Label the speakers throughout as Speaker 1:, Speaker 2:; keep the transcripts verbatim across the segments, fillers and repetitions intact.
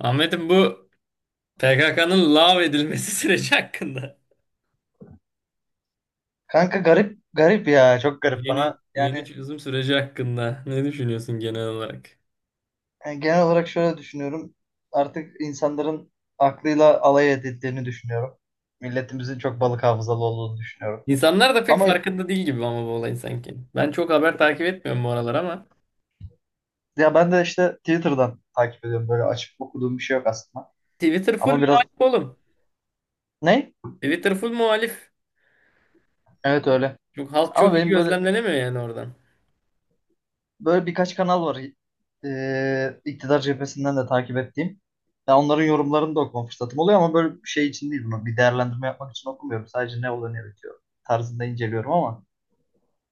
Speaker 1: Ahmet'im bu P K K'nın lav edilmesi süreci hakkında.
Speaker 2: Kanka, garip garip ya, çok garip
Speaker 1: Yeni
Speaker 2: bana,
Speaker 1: yeni
Speaker 2: yani.
Speaker 1: çözüm süreci hakkında ne düşünüyorsun genel olarak?
Speaker 2: Yani, genel olarak şöyle düşünüyorum, artık insanların aklıyla alay edildiğini düşünüyorum. Milletimizin çok balık hafızalı olduğunu düşünüyorum.
Speaker 1: İnsanlar da pek
Speaker 2: Ama
Speaker 1: farkında değil gibi ama bu olayın sanki. Ben çok haber takip etmiyorum bu aralar ama
Speaker 2: ya, ben de işte Twitter'dan takip ediyorum, böyle açıp okuduğum bir şey yok aslında.
Speaker 1: Twitter full
Speaker 2: Ama biraz,
Speaker 1: muhalif oğlum.
Speaker 2: ne?
Speaker 1: Twitter full muhalif.
Speaker 2: Evet, öyle.
Speaker 1: Çok, halk çok
Speaker 2: Ama
Speaker 1: iyi
Speaker 2: benim böyle
Speaker 1: gözlemlenemiyor yani oradan.
Speaker 2: Böyle birkaç kanal var, e, iktidar cephesinden de takip ettiğim. Ya onların yorumlarını da okuma fırsatım oluyor, ama böyle bir şey için değil bunu. Bir değerlendirme yapmak için okumuyorum. Sadece ne oluyor ne bitiyor tarzında inceliyorum ama,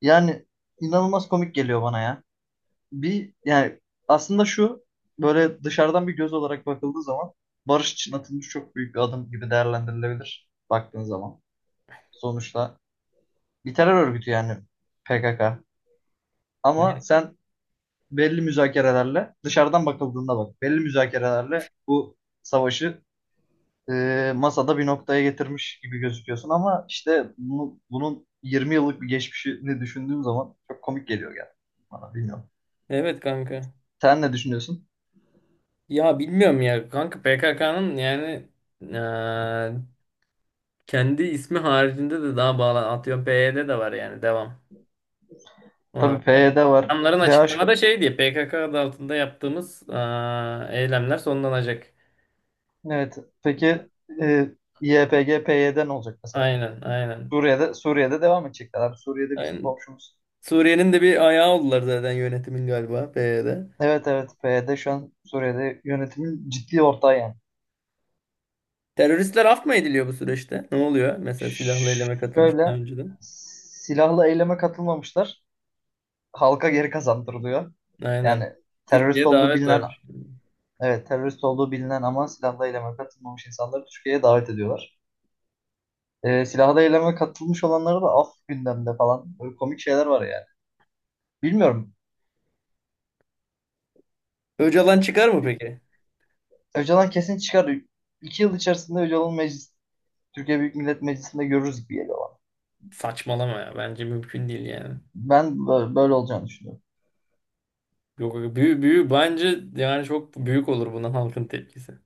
Speaker 2: yani, inanılmaz komik geliyor bana ya. Bir, yani, aslında şu, böyle dışarıdan bir göz olarak bakıldığı zaman, barış için atılmış çok büyük bir adım gibi değerlendirilebilir, baktığın zaman. Sonuçta bir terör örgütü, yani P K K. Ama
Speaker 1: Hayır.
Speaker 2: sen belli müzakerelerle, dışarıdan bakıldığında bak, belli müzakerelerle bu savaşı, e, masada bir noktaya getirmiş gibi gözüküyorsun, ama işte bunu, bunun yirmi yıllık bir geçmişini düşündüğüm zaman çok komik geliyor yani bana, bilmiyorum.
Speaker 1: Evet kanka.
Speaker 2: Sen ne düşünüyorsun?
Speaker 1: Ya bilmiyorum ya kanka P K K'nın yani, eee, kendi ismi haricinde de daha bağlı. Atıyorum P Y D de var yani devam. Ona
Speaker 2: Tabii,
Speaker 1: bakarım.
Speaker 2: PYD var.
Speaker 1: Adamların
Speaker 2: DH,
Speaker 1: açıklamada şey diye P K K adı altında yaptığımız aa, eylemler sonlanacak.
Speaker 2: evet. Peki, e, YPG, PYD ne olacak mesela?
Speaker 1: Aynen, aynen.
Speaker 2: Suriye'de Suriye'de devam edecekler abi. Suriye'de bizim
Speaker 1: Aynen.
Speaker 2: komşumuz.
Speaker 1: Suriye'nin de bir ayağı oldular zaten yönetimin galiba P Y D.
Speaker 2: Evet, evet, P Y D şu an Suriye'de yönetimin ciddi ortağı yani.
Speaker 1: Teröristler af mı ediliyor bu süreçte? Ne oluyor? Mesela silahlı eyleme katılmış daha
Speaker 2: Şöyle,
Speaker 1: önceden.
Speaker 2: silahlı eyleme katılmamışlar. Halka geri kazandırılıyor.
Speaker 1: Aynen.
Speaker 2: Yani terörist
Speaker 1: Türkiye'ye
Speaker 2: olduğu
Speaker 1: davet
Speaker 2: bilinen,
Speaker 1: vermiş.
Speaker 2: evet, terörist olduğu bilinen ama silahlı eyleme katılmamış insanları Türkiye'ye davet ediyorlar. Ee, silahlı eyleme katılmış olanları da af gündemde falan. Böyle komik şeyler var yani. Bilmiyorum.
Speaker 1: Öcalan çıkar mı peki?
Speaker 2: Öcalan kesin çıkar. İki yıl içerisinde Öcalan meclis, Türkiye Büyük Millet Meclisi'nde görürüz gibi geliyor bana.
Speaker 1: Saçmalama ya. Bence mümkün değil yani.
Speaker 2: Ben bö- böyle olacağını düşünüyorum.
Speaker 1: Yok, büyük, büyük, bence yani çok büyük olur buna halkın tepkisi.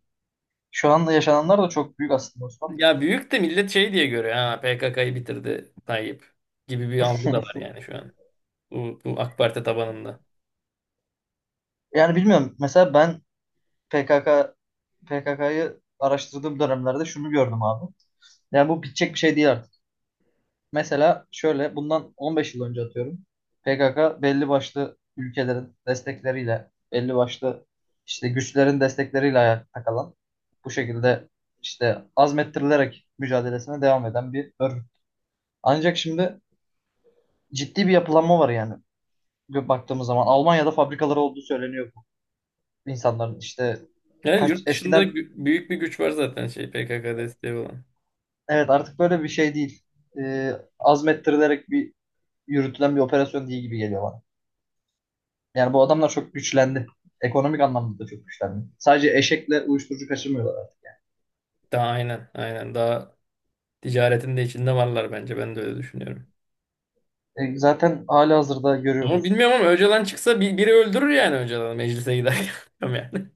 Speaker 2: Şu anda yaşananlar da çok büyük aslında, Osman.
Speaker 1: Ya büyük de millet şey diye görüyor. Ha P K K'yı bitirdi Tayyip gibi bir algı da var yani şu an. Bu, bu AK Parti tabanında.
Speaker 2: Yani bilmiyorum. Mesela ben P K K P K K'yı araştırdığım dönemlerde şunu gördüm abi. Yani bu bitecek bir şey değil artık. Mesela şöyle bundan on beş yıl önce atıyorum. P K K belli başlı ülkelerin destekleriyle, belli başlı işte güçlerin destekleriyle ayakta kalan, bu şekilde işte azmettirilerek mücadelesine devam eden bir örgüt. Ancak şimdi ciddi bir yapılanma var yani. Gö- Baktığımız zaman Almanya'da fabrikaları olduğu söyleniyor, bu insanların işte,
Speaker 1: Yani
Speaker 2: kaç
Speaker 1: yurt dışında
Speaker 2: eskiden.
Speaker 1: gü- büyük bir güç var zaten şey P K K desteği olan.
Speaker 2: Evet, artık böyle bir şey değil. Ee, azmettirilerek bir yürütülen bir operasyon değil gibi geliyor bana. Yani bu adamlar çok güçlendi. Ekonomik anlamda da çok güçlendi. Sadece eşekle uyuşturucu kaçırmıyorlar artık.
Speaker 1: Daha aynen aynen daha ticaretin de içinde varlar bence ben de öyle düşünüyorum.
Speaker 2: E, zaten halihazırda
Speaker 1: Ama
Speaker 2: görüyoruz.
Speaker 1: bilmiyorum ama Öcalan çıksa bir, biri öldürür yani Öcalan'ı meclise giderken. Bilmiyorum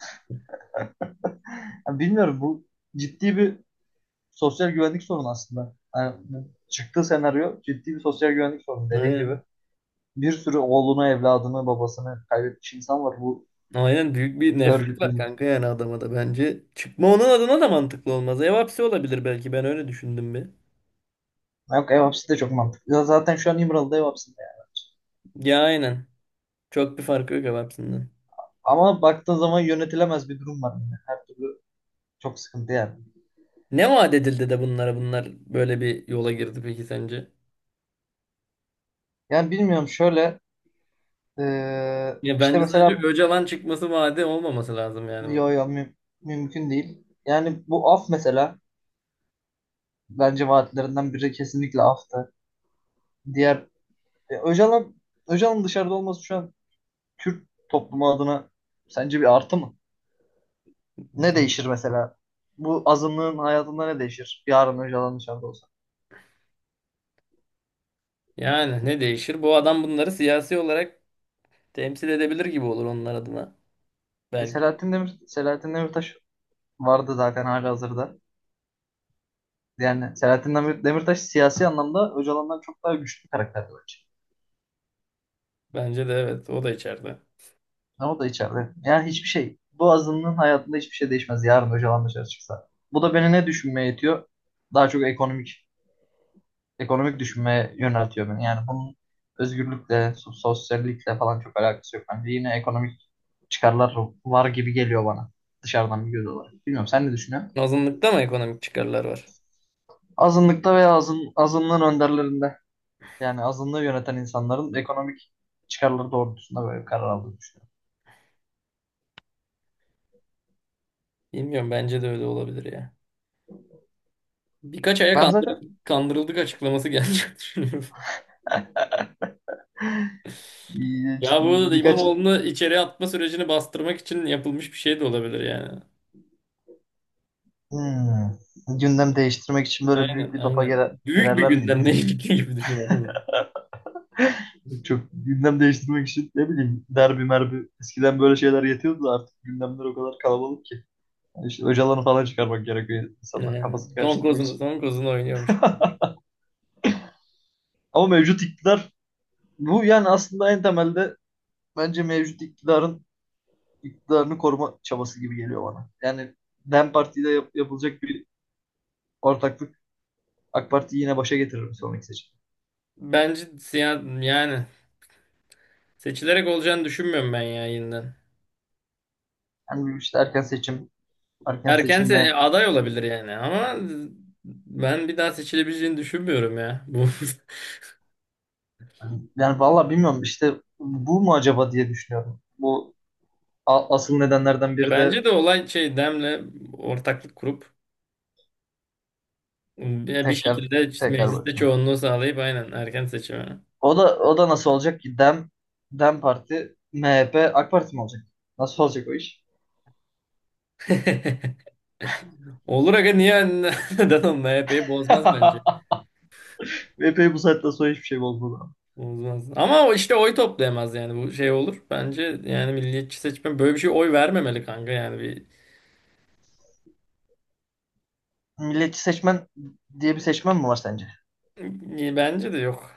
Speaker 2: Yani bilmiyorum, bu ciddi bir sosyal güvenlik sorunu aslında. Yani bu çıktığı senaryo ciddi bir sosyal güvenlik sorunu,
Speaker 1: yani.
Speaker 2: dediğin gibi.
Speaker 1: Aynen.
Speaker 2: Bir sürü oğlunu, evladını, babasını kaybetmiş insan var bu
Speaker 1: Aynen büyük bir nefret var
Speaker 2: örgütün.
Speaker 1: kanka yani adama da bence. Çıkma onun adına da mantıklı olmaz. Ev hapsi olabilir belki ben öyle düşündüm bir.
Speaker 2: Yok, ev hapsi de çok mantıklı. Ya, zaten şu an İmralı'da ev hapsi.
Speaker 1: Ya aynen. Çok bir farkı yok hepsinden.
Speaker 2: Ama baktığın zaman yönetilemez bir durum var yine. Her türlü çok sıkıntı yani.
Speaker 1: Ne vaat edildi de bunlara bunlar böyle bir yola girdi peki sence?
Speaker 2: Yani bilmiyorum şöyle, eee,
Speaker 1: Ya
Speaker 2: işte
Speaker 1: bence sadece
Speaker 2: mesela,
Speaker 1: Öcalan çıkması vaadi olmaması lazım yani.
Speaker 2: yo
Speaker 1: bu.
Speaker 2: yo mü- mümkün değil. Yani bu af mesela, bence vaatlerinden biri kesinlikle aftı. Diğer, e, Öcalan Öcalan'ın dışarıda olması şu an Kürt toplumu adına sence bir artı mı? Ne
Speaker 1: Değil.
Speaker 2: değişir mesela? Bu azınlığın hayatında ne değişir? Yarın Öcalan dışarıda olsa.
Speaker 1: Yani ne değişir? Bu adam bunları siyasi olarak temsil edebilir gibi olur onlar adına.
Speaker 2: E,
Speaker 1: Belki.
Speaker 2: Selahattin Demir Selahattin Demirtaş vardı zaten halihazırda. Yani Selahattin Demir- Demirtaş siyasi anlamda Öcalan'dan çok daha güçlü bir karakter bence.
Speaker 1: Bence de evet o da içeride.
Speaker 2: Ama o da içeride. Yani hiçbir şey. Bu azınlığın hayatında hiçbir şey değişmez. Yarın Öcalan dışarı çıksa. Bu da beni ne düşünmeye itiyor? Daha çok ekonomik ekonomik düşünmeye yöneltiyor beni. Yani bunun özgürlükle, so- sosyallikle falan çok alakası yok. Bence yine ekonomik çıkarlar var gibi geliyor bana. Dışarıdan bir göz olarak. Bilmiyorum, sen ne düşünüyorsun?
Speaker 1: Azınlıkta mı ekonomik çıkarlar var?
Speaker 2: Azınlıkta veya azın, azınlığın önderlerinden. Yani azınlığı yöneten insanların ekonomik çıkarları doğrultusunda böyle bir karar aldığını düşünüyorum.
Speaker 1: Bilmiyorum bence de öyle olabilir ya. Birkaç aya
Speaker 2: Ben zaten
Speaker 1: kandır- kandırıldık açıklaması gelecek düşünüyorum.
Speaker 2: bir-
Speaker 1: Ya bu arada
Speaker 2: birkaç
Speaker 1: İmamoğlu'nu içeri atma sürecini bastırmak için yapılmış bir şey de olabilir yani.
Speaker 2: hmm, gündem değiştirmek için böyle büyük
Speaker 1: Aynen
Speaker 2: bir topa
Speaker 1: aynen.
Speaker 2: girer,
Speaker 1: Büyük bir
Speaker 2: girerler miydi,
Speaker 1: gündemle
Speaker 2: bilmiyorum.
Speaker 1: ilgili gibi düşünüyorum.
Speaker 2: Çok gündem değiştirmek için ne bileyim, derbi merbi eskiden böyle şeyler yetiyordu da, artık gündemler o kadar kalabalık ki. Yani işte Öcalan'ı falan çıkarmak gerekiyor insanlar
Speaker 1: Aynen.
Speaker 2: kafasını
Speaker 1: Son
Speaker 2: karıştırmak
Speaker 1: kozunu,
Speaker 2: için.
Speaker 1: son kozunu oynuyormuş.
Speaker 2: Ama mevcut iktidar bu, yani aslında en temelde, bence mevcut iktidarın iktidarını koruma çabası gibi geliyor bana. Yani DEM Parti'de yap- yapılacak bir ortaklık AK Parti'yi yine başa getirir bir sonraki seçim.
Speaker 1: Bence siya- yani seçilerek olacağını düşünmüyorum ben ya yeniden.
Speaker 2: Yani işte erken seçim, erken
Speaker 1: Erken se-
Speaker 2: seçimle,
Speaker 1: aday olabilir yani ama ben bir daha seçilebileceğini düşünmüyorum ya. Bu
Speaker 2: hani, yani vallahi bilmiyorum işte bu mu acaba diye düşünüyorum. Bu a- asıl nedenlerden biri de,
Speaker 1: Bence de olay şey Dem'le ortaklık kurup bir bir
Speaker 2: tekrar
Speaker 1: şekilde işte
Speaker 2: tekrar
Speaker 1: mecliste
Speaker 2: bakıyorum.
Speaker 1: çoğunluğu sağlayıp aynen erken seçime.
Speaker 2: O da o da nasıl olacak ki, DEM DEM Parti MHP AK Parti mi olacak? Nasıl olacak o iş?
Speaker 1: Olur aga niye neden onun M H P'yi bozmaz bence.
Speaker 2: M H P'yi bu saatten sonra hiçbir şey bozmadı.
Speaker 1: Bozmaz. Ama o işte oy toplayamaz yani bu şey olur. Bence yani milliyetçi seçmen böyle bir şey oy vermemeli kanka yani
Speaker 2: Milliyetçi seçmen diye bir seçmen mi var sence?
Speaker 1: bir bence de yok.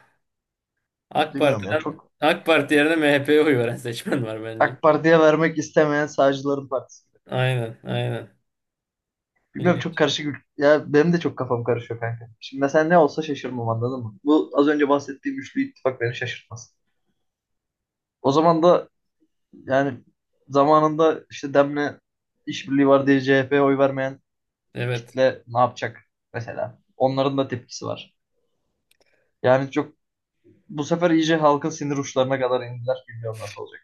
Speaker 1: AK
Speaker 2: Bilmiyorum ya.
Speaker 1: Parti'den
Speaker 2: Çok
Speaker 1: AK Parti yerine M H P'ye oy veren seçmen var bence.
Speaker 2: AK Parti'ye vermek istemeyen sağcıların partisi.
Speaker 1: Aynen, aynen.
Speaker 2: Bilmiyorum, çok
Speaker 1: Milliyetçi.
Speaker 2: karışık. ül- Ya benim de çok kafam karışıyor kanka. Şimdi mesela ne olsa şaşırmam, anladın mı? Bu az önce bahsettiğim üçlü ittifak beni şaşırtmaz. O zaman da, yani, zamanında işte Demle işbirliği var diye C H P'ye oy vermeyen
Speaker 1: Evet.
Speaker 2: kitle ne yapacak mesela? Onların da tepkisi var. Yani çok, bu sefer iyice halkın sinir uçlarına kadar indiler. Bilmiyorum nasıl olacak.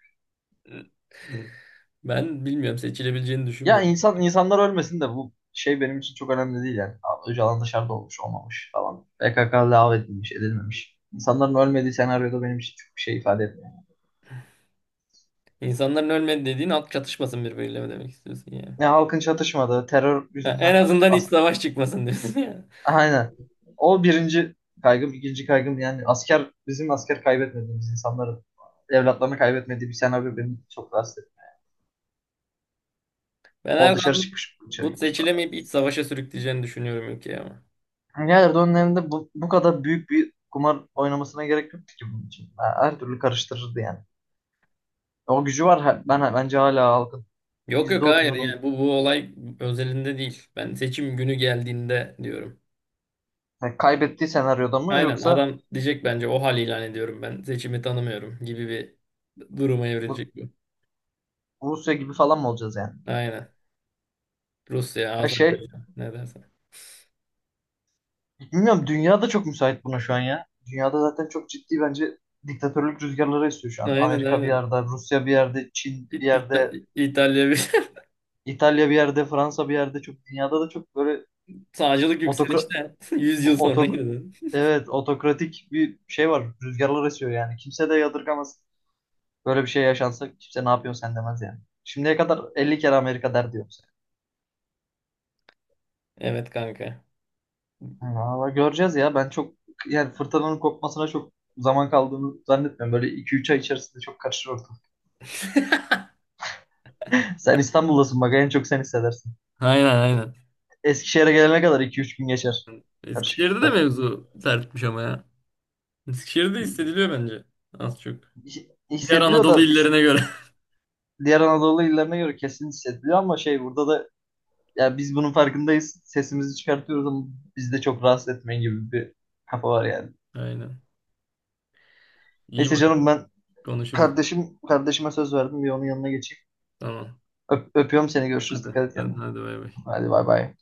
Speaker 1: Ben bilmiyorum seçilebileceğini
Speaker 2: Ya
Speaker 1: düşünmüyorum.
Speaker 2: insan insanlar ölmesin de, bu şey benim için çok önemli değil yani. Abi, Öcalan dışarıda olmuş olmamış falan. P K K lağv edilmiş edilmemiş. İnsanların ölmediği senaryoda benim için çok bir şey ifade etmiyor.
Speaker 1: İnsanların ölmedi dediğin halk çatışmasın birbiriyle mi demek istiyorsun yani?
Speaker 2: Ya halkın çatışmadığı, terör
Speaker 1: Ha, en
Speaker 2: yüzünden,
Speaker 1: azından iç
Speaker 2: as
Speaker 1: savaş çıkmasın diyorsun yani.
Speaker 2: aynen. O birinci kaygım, ikinci kaygım, yani asker bizim asker kaybetmediğimiz, insanların evlatlarını kaybetmediği bir senaryo beni çok rahatsız etti.
Speaker 1: Ben
Speaker 2: O dışarı
Speaker 1: Erdoğan'ın
Speaker 2: çıkmış, dışarı
Speaker 1: bu
Speaker 2: gitmiş falan.
Speaker 1: seçilemeyip iç savaşa sürükleyeceğini düşünüyorum ülkeyi ama.
Speaker 2: Ya Erdoğan'ın elinde bu, bu kadar büyük bir kumar oynamasına gerek yoktu ki bunun için. Ha, her türlü karıştırırdı yani. O gücü var. Ha- Ben bence hala halkın
Speaker 1: Yok yok hayır yani
Speaker 2: yüzde otuzunun
Speaker 1: bu bu olay özelinde değil. Ben seçim günü geldiğinde diyorum.
Speaker 2: yani kaybettiği senaryoda mı,
Speaker 1: Aynen
Speaker 2: yoksa
Speaker 1: adam diyecek bence o hal ilan ediyorum ben seçimi tanımıyorum gibi bir duruma
Speaker 2: bu
Speaker 1: evrilecek bu.
Speaker 2: Rusya gibi falan mı olacağız yani?
Speaker 1: Aynen. Rusya,
Speaker 2: Her şey,
Speaker 1: Azerbaycan ne dersen.
Speaker 2: bilmiyorum, dünya da çok müsait buna şu an ya. Dünyada zaten çok ciddi bence diktatörlük rüzgarları esiyor şu an.
Speaker 1: Aynen
Speaker 2: Amerika bir
Speaker 1: aynen.
Speaker 2: yerde, Rusya bir yerde, Çin
Speaker 1: İ-
Speaker 2: bir
Speaker 1: İta-
Speaker 2: yerde,
Speaker 1: İtalya bir
Speaker 2: İtalya bir yerde, Fransa bir yerde, çok dünyada da çok böyle,
Speaker 1: sağcılık
Speaker 2: otokra
Speaker 1: yükselişte Yüz yıl sonra
Speaker 2: otok
Speaker 1: girdin.
Speaker 2: evet, otokratik bir şey var. Rüzgarlar esiyor yani. Kimse de yadırgamaz. Böyle bir şey yaşansa kimse ne yapıyorsun sen demez yani. Şimdiye kadar elli kere Amerika der diyorum
Speaker 1: Evet kanka.
Speaker 2: sana. Valla göreceğiz ya. Ben çok, yani fırtınanın kopmasına çok zaman kaldığını zannetmiyorum. Böyle iki üç ay içerisinde çok karışır ortam. Sen İstanbul'dasın, bak en çok sen hissedersin.
Speaker 1: Aynen aynen.
Speaker 2: Eskişehir'e gelene kadar iki üç gün geçer.
Speaker 1: Eskişehir'de de
Speaker 2: Karışıklıklar.
Speaker 1: mevzu sertmiş ama ya. Eskişehir'de hissediliyor bence. Az çok.
Speaker 2: Hi-
Speaker 1: Diğer
Speaker 2: Hissediliyor
Speaker 1: Anadolu
Speaker 2: da biz
Speaker 1: illerine göre.
Speaker 2: diğer Anadolu illerine göre kesin hissediliyor, ama şey, burada da yani biz bunun farkındayız. Sesimizi çıkartıyoruz ama biz de çok rahatsız etmeyin gibi bir kafa var yani.
Speaker 1: Aynen. İyi
Speaker 2: Neyse
Speaker 1: bak
Speaker 2: canım, ben
Speaker 1: konuşuruz.
Speaker 2: kardeşim, kardeşime söz verdim. Bir onun yanına geçeyim.
Speaker 1: Tamam.
Speaker 2: Öp- öpüyorum seni. Görüşürüz.
Speaker 1: Hadi.
Speaker 2: Dikkat et
Speaker 1: Hadi,
Speaker 2: kendine.
Speaker 1: hadi bay bay.
Speaker 2: Hadi, bay bay.